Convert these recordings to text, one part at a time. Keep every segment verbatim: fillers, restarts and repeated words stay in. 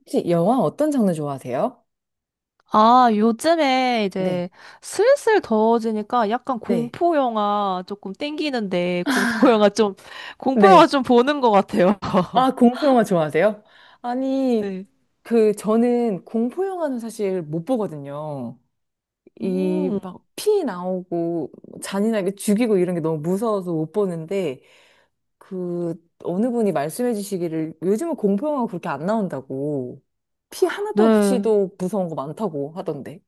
혹시 영화 어떤 장르 좋아하세요? 아, 요즘에 네, 이제 슬슬 더워지니까 약간 네. 공포 영화 조금 땡기는데 공포 영화 좀 공포 영화 네. 좀 보는 것 같아요. 아, 공포 영화 좋아하세요? 아니, 네. 그, 저는 공포 영화는 사실 못 보거든요. 이, 음, 막, 피 나오고, 잔인하게 죽이고 이런 게 너무 무서워서 못 보는데, 그, 어느 분이 말씀해 주시기를, 요즘은 공포 영화가 그렇게 안 나온다고, 피 하나도 네. 없이도 무서운 거 많다고 하던데.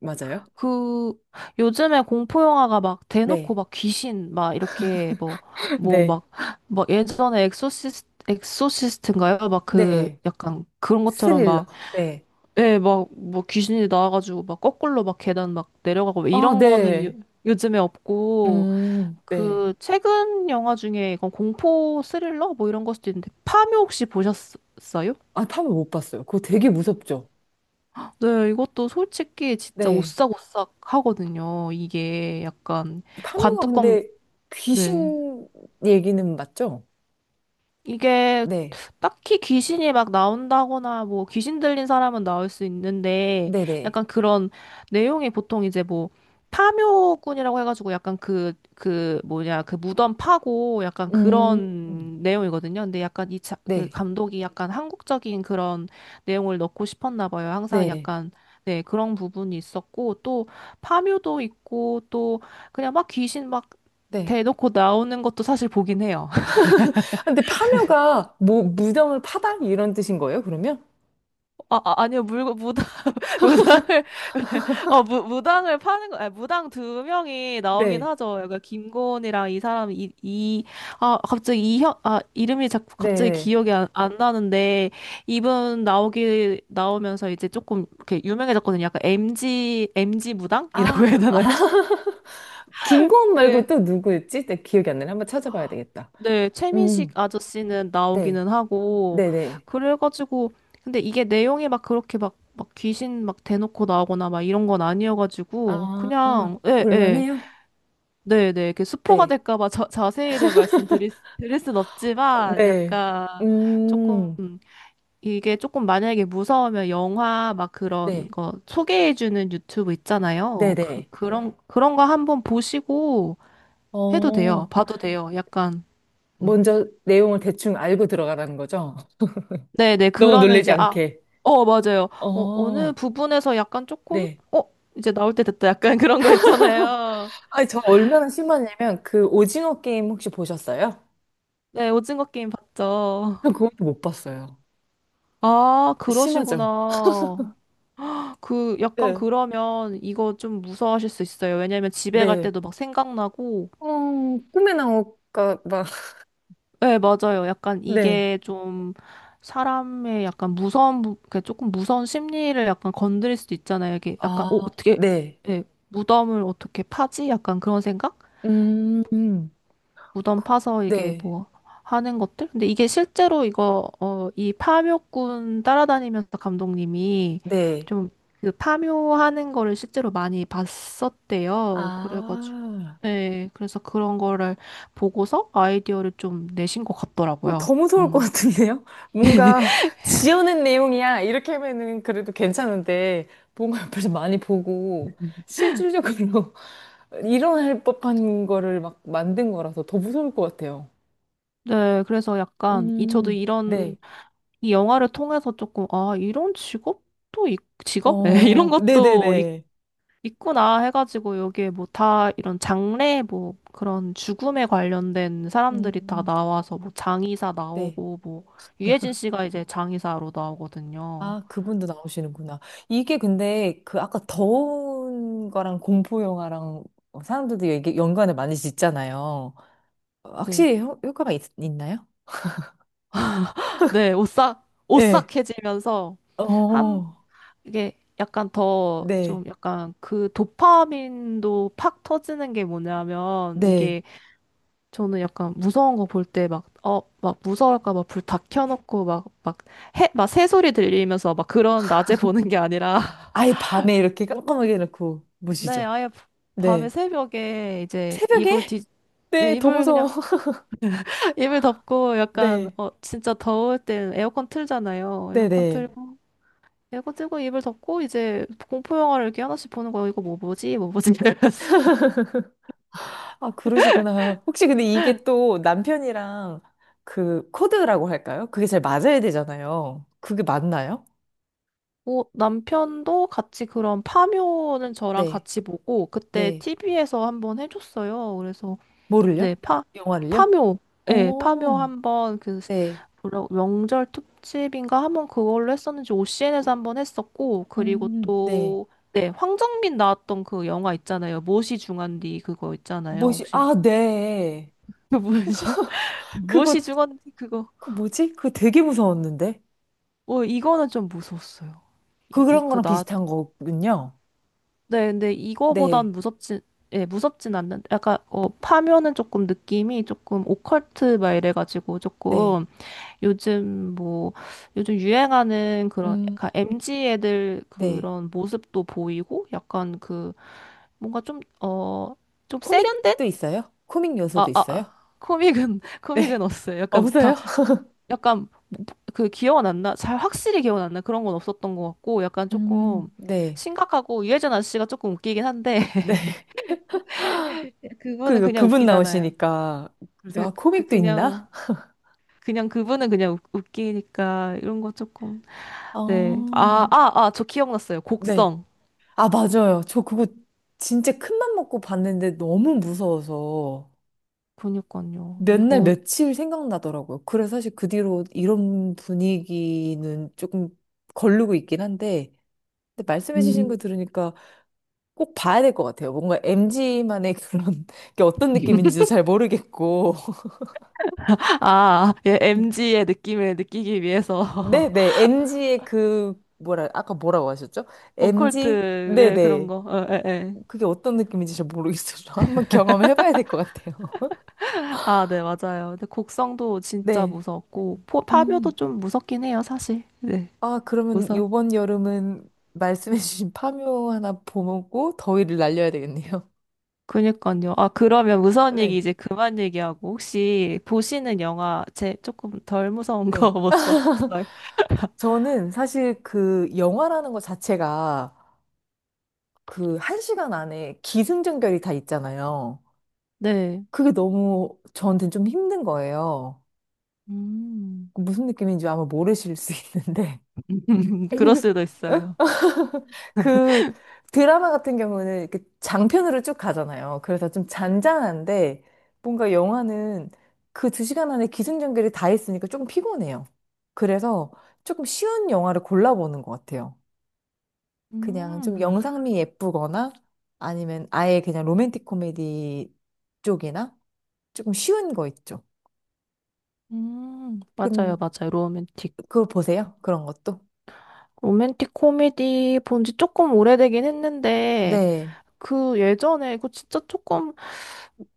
맞아요? 그 요즘에 공포 영화가 막 대놓고 네, 막 귀신 막 이렇게 뭐 뭐 네. 막 막 예전에 엑소시스 엑소시스트인가요? 막 그 네. 약간 그런 것처럼 막 스릴러. 네. 예, 막 뭐 귀신이 나와가지고 막 거꾸로 막 계단 막 내려가고 아, 이런 거는 요, 네. 요즘에 없고 음, 네. 그 최근 영화 중에 이건 공포 스릴러 뭐 이런 걸 수도 있는데 파묘 혹시 보셨어요? 아, 파묘 못 봤어요. 그거 되게 무섭죠? 네, 이것도 솔직히 진짜 네. 오싹오싹 하거든요. 이게 약간 파묘가 관뚜껑 근데 네. 귀신 얘기는 맞죠? 이게 네. 딱히 귀신이 막 나온다거나 뭐 귀신 들린 사람은 나올 수 있는데 네네. 약간 그런 내용이 보통 이제 뭐 파묘꾼이라고 해가지고 약간 그, 그 뭐냐 그 무덤 파고 약간 음, 그런 내용이거든요. 근데 약간 이 자, 그 네. 감독이 약간 한국적인 그런 내용을 넣고 싶었나 봐요. 항상 네. 약간 네 그런 부분이 있었고 또 파묘도 있고 또 그냥 막 귀신 막 네. 대놓고 나오는 것도 사실 보긴 해요. 아, 근데 파묘가 뭐, 무덤을 파다? 이런 뜻인 거예요, 그러면? 아, 아 아니요 물, 무당 무당을 어 무, 무당을 파는 거 아니, 무당 두 명이 나오긴 네. 하죠. 그러니까 김고은이랑 이 사람 이이아 갑자기 이형아 이름이 자꾸 갑자기 네네. 기억이 안, 안 나는데 이분 나오기 나오면서 이제 조금 이렇게 유명해졌거든요. 약간 엠지 엠지 무당이라고 해야 아, 아. 되나요? 김고은 그 말고 또 누구였지? 내 기억이 안 나네. 한번 찾아봐야 되겠다. 네, 최민식 음, 아저씨는 네. 나오기는 하고, 네네. 그래가지고, 근데 이게 내용이 막 그렇게 막, 막 귀신 막 대놓고 나오거나 막 이런 건 아니어가지고, 아, 그냥, 예, 예, 볼만해요? 네, 네, 이렇게 스포가 네. 될까봐 자세히는 말씀드릴, 수- 드릴 순 없지만, 네. 약간, 조금, 음, 이게 조금 만약에 무서우면 영화 막 그런 네. 거 소개해주는 유튜브 있잖아요. 그, 네네. 그런, 그런 거 한번 보시고 해도 돼요. 어, 봐도 돼요. 약간. 음. 먼저 내용을 대충 알고 들어가라는 거죠? 네네. 너무 그러면 놀라지 이제, 아, 않게. 어, 맞아요. 어, 어느 어, 부분에서 약간 조금, 네. 어, 이제 나올 때 됐다. 약간 그런 거 있잖아요. 아니, 저 얼마나 심하냐면, 그 오징어 게임 혹시 보셨어요? 네, 오징어 게임 봤죠. 저 그것도 못 봤어요. 아, 심하죠? 그러시구나. 그, 약간 네. 그러면 이거 좀 무서워하실 수 있어요. 왜냐면 집에 갈 네. 때도 막 생각나고, 어, 꿈에 나올까 봐. 네, 맞아요. 약간 네. 이게 좀 사람의 약간 무서운, 부- 그 조금 무서운 심리를 약간 건드릴 수도 있잖아요. 이게 약간, 아, 어, 어떻게, 네. 예, 무덤을 어떻게 파지? 약간 그런 생각? 음, 무덤 파서 이게 네. 뭐 하는 것들? 근데 이게 실제로 이거, 어, 이 파묘꾼 따라다니면서 감독님이 네. 좀 그 파묘하는 거를 실제로 많이 봤었대요. 그래가지고, 아. 네, 그래서 그런 거를 보고서 아이디어를 좀 내신 것 같더라고요. 더 무서울 것 음. 같은데요? 뭔가 지어낸 내용이야. 이렇게 하면은 그래도 괜찮은데, 뭔가 옆에서 많이 보고, 실질적으로 일어날 법한 거를 막 만든 거라서 더 무서울 것 같아요. 네, 그래서 약간, 이, 저도 음, 이런, 네. 이 영화를 통해서 조금, 아, 이런 직업도, 있- 직업? 예, 이런 어, 것도 이 네네네. 있구나 해가지고 여기에 뭐 다 이런 장례 뭐 그런 죽음에 관련된 사람들이 다 음, 나와서 뭐 장의사 네. 나오고 뭐 유해진 씨가 이제 장의사로 나오거든요. 아, 그분도 나오시는구나. 이게 근데 그 아까 더운 거랑 공포 영화랑 사람들도 이게 연관을 많이 짓잖아요. 네. 확실히 효, 과가 있, 있나요? 네, 오싹 오싹해지면서 한 어, 이게 약간 더 네, 좀 약간 그 도파민도 팍 터지는 게 뭐냐면 네. 이게 저는 약간 무서운 거 볼 때 막 어 막 무서울까 막 불 다 켜놓고 막 막 해 막 새소리 들리면서 막 그런 낮에 보는 게 아니라 아예 밤에 이렇게 깜깜하게 해놓고 네, 보시죠. 아예 밤에 네. 새벽에 이제 이불 새벽에? 뒤, 네, 네, 더 이불 무서워. 그냥, 이불 덮고 약간, 네, 어, 진짜 더울 땐 에어컨 틀잖아요. 네, 에어컨 네. 틀고, 에어컨 틀고 이불 덮고 이제 공포영화를 이렇게 하나씩 보는 거예요. 이거 뭐 보지? 뭐 보지? 이러면서. 아, 그러시구나. 혹시 근데 이게 또 남편이랑 그 코드라고 할까요? 그게 잘 맞아야 되잖아요. 그게 맞나요? 오, 남편도 같이 그런 파묘는 저랑 네, 같이 보고, 그때 네. 티비에서 한번 해줬어요. 그래서 네, 뭐를요? 파, 영화를요? 파묘. 네, 파묘 어, 한번 그 스- 네. 뭐라- 명절 특집인가 한번 그걸로 했었는지 오씨엔에서 한번 했었고 그리고 음, 네. 또 네, 황정민 나왔던 그 영화 있잖아요. 무엇이 중한디 그거 있잖아요. 뭐지? 혹시 아, 네. 그 뭐죠? 무엇이 그거, 중한디 그거. 그 뭐지? 그거 되게 무서웠는데. 어, 이거는 좀 무서웠어요. 그- 이, 그런 이거 거랑 비슷한 나왔던. 거군요. 네, 근데 네, 이거보단 무섭진 예, 무섭진 않는데 약간 어 파묘는 조금 느낌이 조금 오컬트 막 이래 가지고 네, 조금 요즘 뭐 요즘 유행하는 그런 음, 약간 엠지 애들 네. 그런 모습도 보이고 약간 그 뭔가 좀 어 좀 세련된 코믹도 있어요? 코믹 아 요소도 아 있어요? 코믹은 코믹은 네. 없어요. 약간 다 없어요? 약간 그 기억은 안 나. 잘 확실히 기억은 안 나. 그런 건 없었던 것 같고 약간 음, 조금 네, 심각하고 유해진 아저씨가 조금 웃기긴 한데 네. 그거는 그, 그냥 그분 웃기잖아요. 나오시니까. 예, 그래서, 아, 그, 그- 코믹도 그냥 있나? 그냥 그분은 그냥 웃- 웃기니까 이런 거 조금 네. 어, 아, 음. 아, 아, 저 기억났어요. 네. 곡성. 아, 맞아요. 저 그거 진짜 큰 맘 먹고 봤는데 너무 무서워서 그니까요. 몇 날 이거 며칠 생각나더라고요. 그래서 사실 그 뒤로 이런 분위기는 조금 걸르고 있긴 한데, 근데 말씀해주신 거 음. 들으니까 꼭 봐야 될 것 같아요. 뭔가 엠지만의 그런 게 어떤 느낌인지도 잘 모르겠고. 아, 예, 엠지의 느낌을 느끼기 위해서 네네, 엠지의 그, 뭐라, 아까 뭐라고 하셨죠? 오컬트 엠지? 예, 그런 네네. 거. 어, 예, 예. 그게 어떤 느낌인지 잘 모르겠어요. 한번 경험을 해봐야 될 것 같아요. 아, 네, 맞아요. 근데 곡성도 진짜 네. 무서웠고 포, 파묘도 음. 좀 무섭긴 해요, 사실. 네. 아, 그러면 무서. 요번 여름은 말씀해주신 파묘 하나 보고 더위를 날려야 되겠네요. 그니까요. 아, 그러면 무서운 얘기 네. 이제 그만 얘기하고 혹시 보시는 영화 제 조금 덜 무서운 거 네. 못 써 없어요? 저는 사실 그 영화라는 것 자체가 그 한 시간 안에 기승전결이 다 있잖아요. 네. 그게 너무 저한테는 좀 힘든 거예요. 음, 그 무슨 느낌인지 아마 모르실 수 있는데. 그럴 수도 있어요. 그 드라마 같은 경우는 이렇게 장편으로 쭉 가잖아요. 그래서 좀 잔잔한데 뭔가 영화는 그 두 시간 안에 기승전결이 다 있으니까 조금 피곤해요. 그래서 조금 쉬운 영화를 골라보는 것 같아요. 그냥 좀 음, 영상미 예쁘거나 아니면 아예 그냥 로맨틱 코미디 쪽이나 조금 쉬운 거 있죠. 음, 맞아요, 근 맞아요. 로맨틱. 그거 보세요. 그런 것도. 로맨틱 코미디 본지 조금 오래되긴 했는데, 네. 그 예전에, 그 진짜 조금,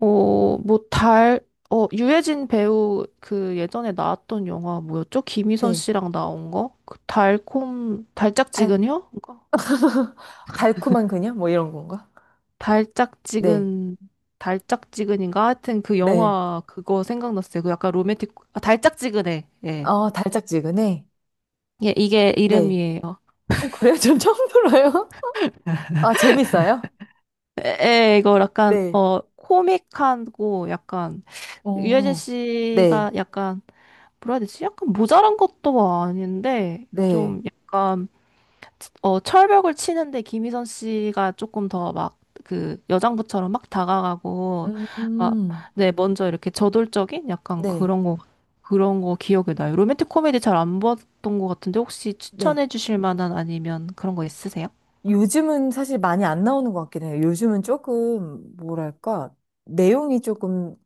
어, 뭐, 달, 어, 유해진 배우 그 예전에 나왔던 영화 뭐였죠? 김희선 네. 씨랑 나온 거? 그 달콤, 달 달짝지근이요? 그거? 달콤한 그녀 뭐 이런 건가? 네. 달짝지근, 달짝지근인가? 하여튼 그 네. 영화 그거 생각났어요. 그 약간 로맨틱, 아, 달짝지근해. 예. 어, 달짝지근해. 예, 이게 네. 이름이에요. 어, 그래요? 전 처음 들어요. 아, 재밌어요? 에, 에, 이거 약간, 네. 어, 코믹하고 약간, 유해진 어. 네. 씨가 약간, 뭐라 해야 되지? 약간 모자란 것도 뭐 아닌데, 네. 좀 약간, 어, 철벽을 치는데 김희선 씨가 조금 더 막, 그, 여장부처럼 막 다가가고, 막, 음. 네, 먼저 이렇게 저돌적인 약간 네. 그런 거, 그런 거 기억이 나요. 로맨틱 코미디 잘 안 봤던 것 같은데, 혹시 네. 추천해 주실 만한 아니면 그런 거 있으세요? 요즘은 사실 많이 안 나오는 것 같긴 해요. 요즘은 조금 뭐랄까? 내용이 조금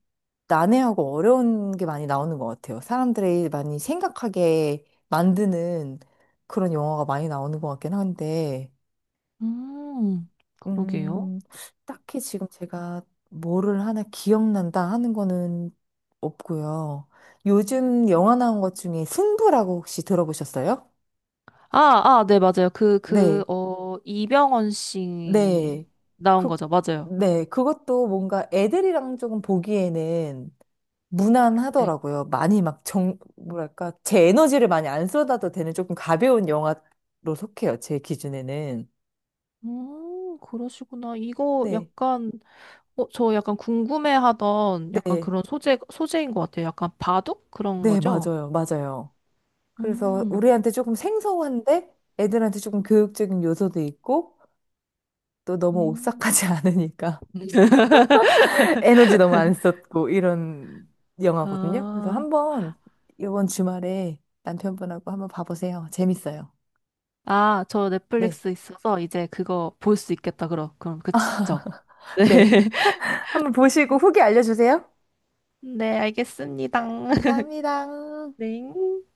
난해하고 어려운 게 많이 나오는 것 같아요. 사람들이 많이 생각하게 만드는 그런 영화가 많이 나오는 것 같긴 한데, 음, 그러게요. 음, 딱히 지금 제가 뭐를 하나 기억난다 하는 거는 없고요. 요즘 영화 나온 것 중에 승부라고 혹시 들어보셨어요? 아, 아, 네, 맞아요. 그, 그, 네, 어, 이병헌 씨 네. 나온 그, 거죠. 맞아요. 네. 그것도 뭔가 애들이랑 조금 보기에는 네. 무난하더라고요. 많이 막 정, 뭐랄까, 제 에너지를 많이 안 쏟아도 되는 조금 가벼운 영화로 속해요. 제 기준에는. 음, 그러시구나. 이거 네. 약간, 어, 저 약간 궁금해하던 약간 네. 그런 소재, 소재인 것 같아요. 약간 바둑? 그런 네, 거죠? 맞아요. 맞아요. 그래서 음, 우리한테 조금 생소한데 애들한테 조금 교육적인 요소도 있고 또 너무 음. 오싹하지 않으니까 에너지 너무 안 썼고 이런 영화거든요. 그래서 아, 한번 이번 주말에 남편분하고 한번 봐보세요. 재밌어요. 아, 저 네. 넷플릭스 있어서 이제 그거 볼 수 있겠다. 그럼, 그럼, 그쵸? 네. 네. 한번 보시고 후기 알려주세요. 네, 알겠습니다. 감사합니다. 네.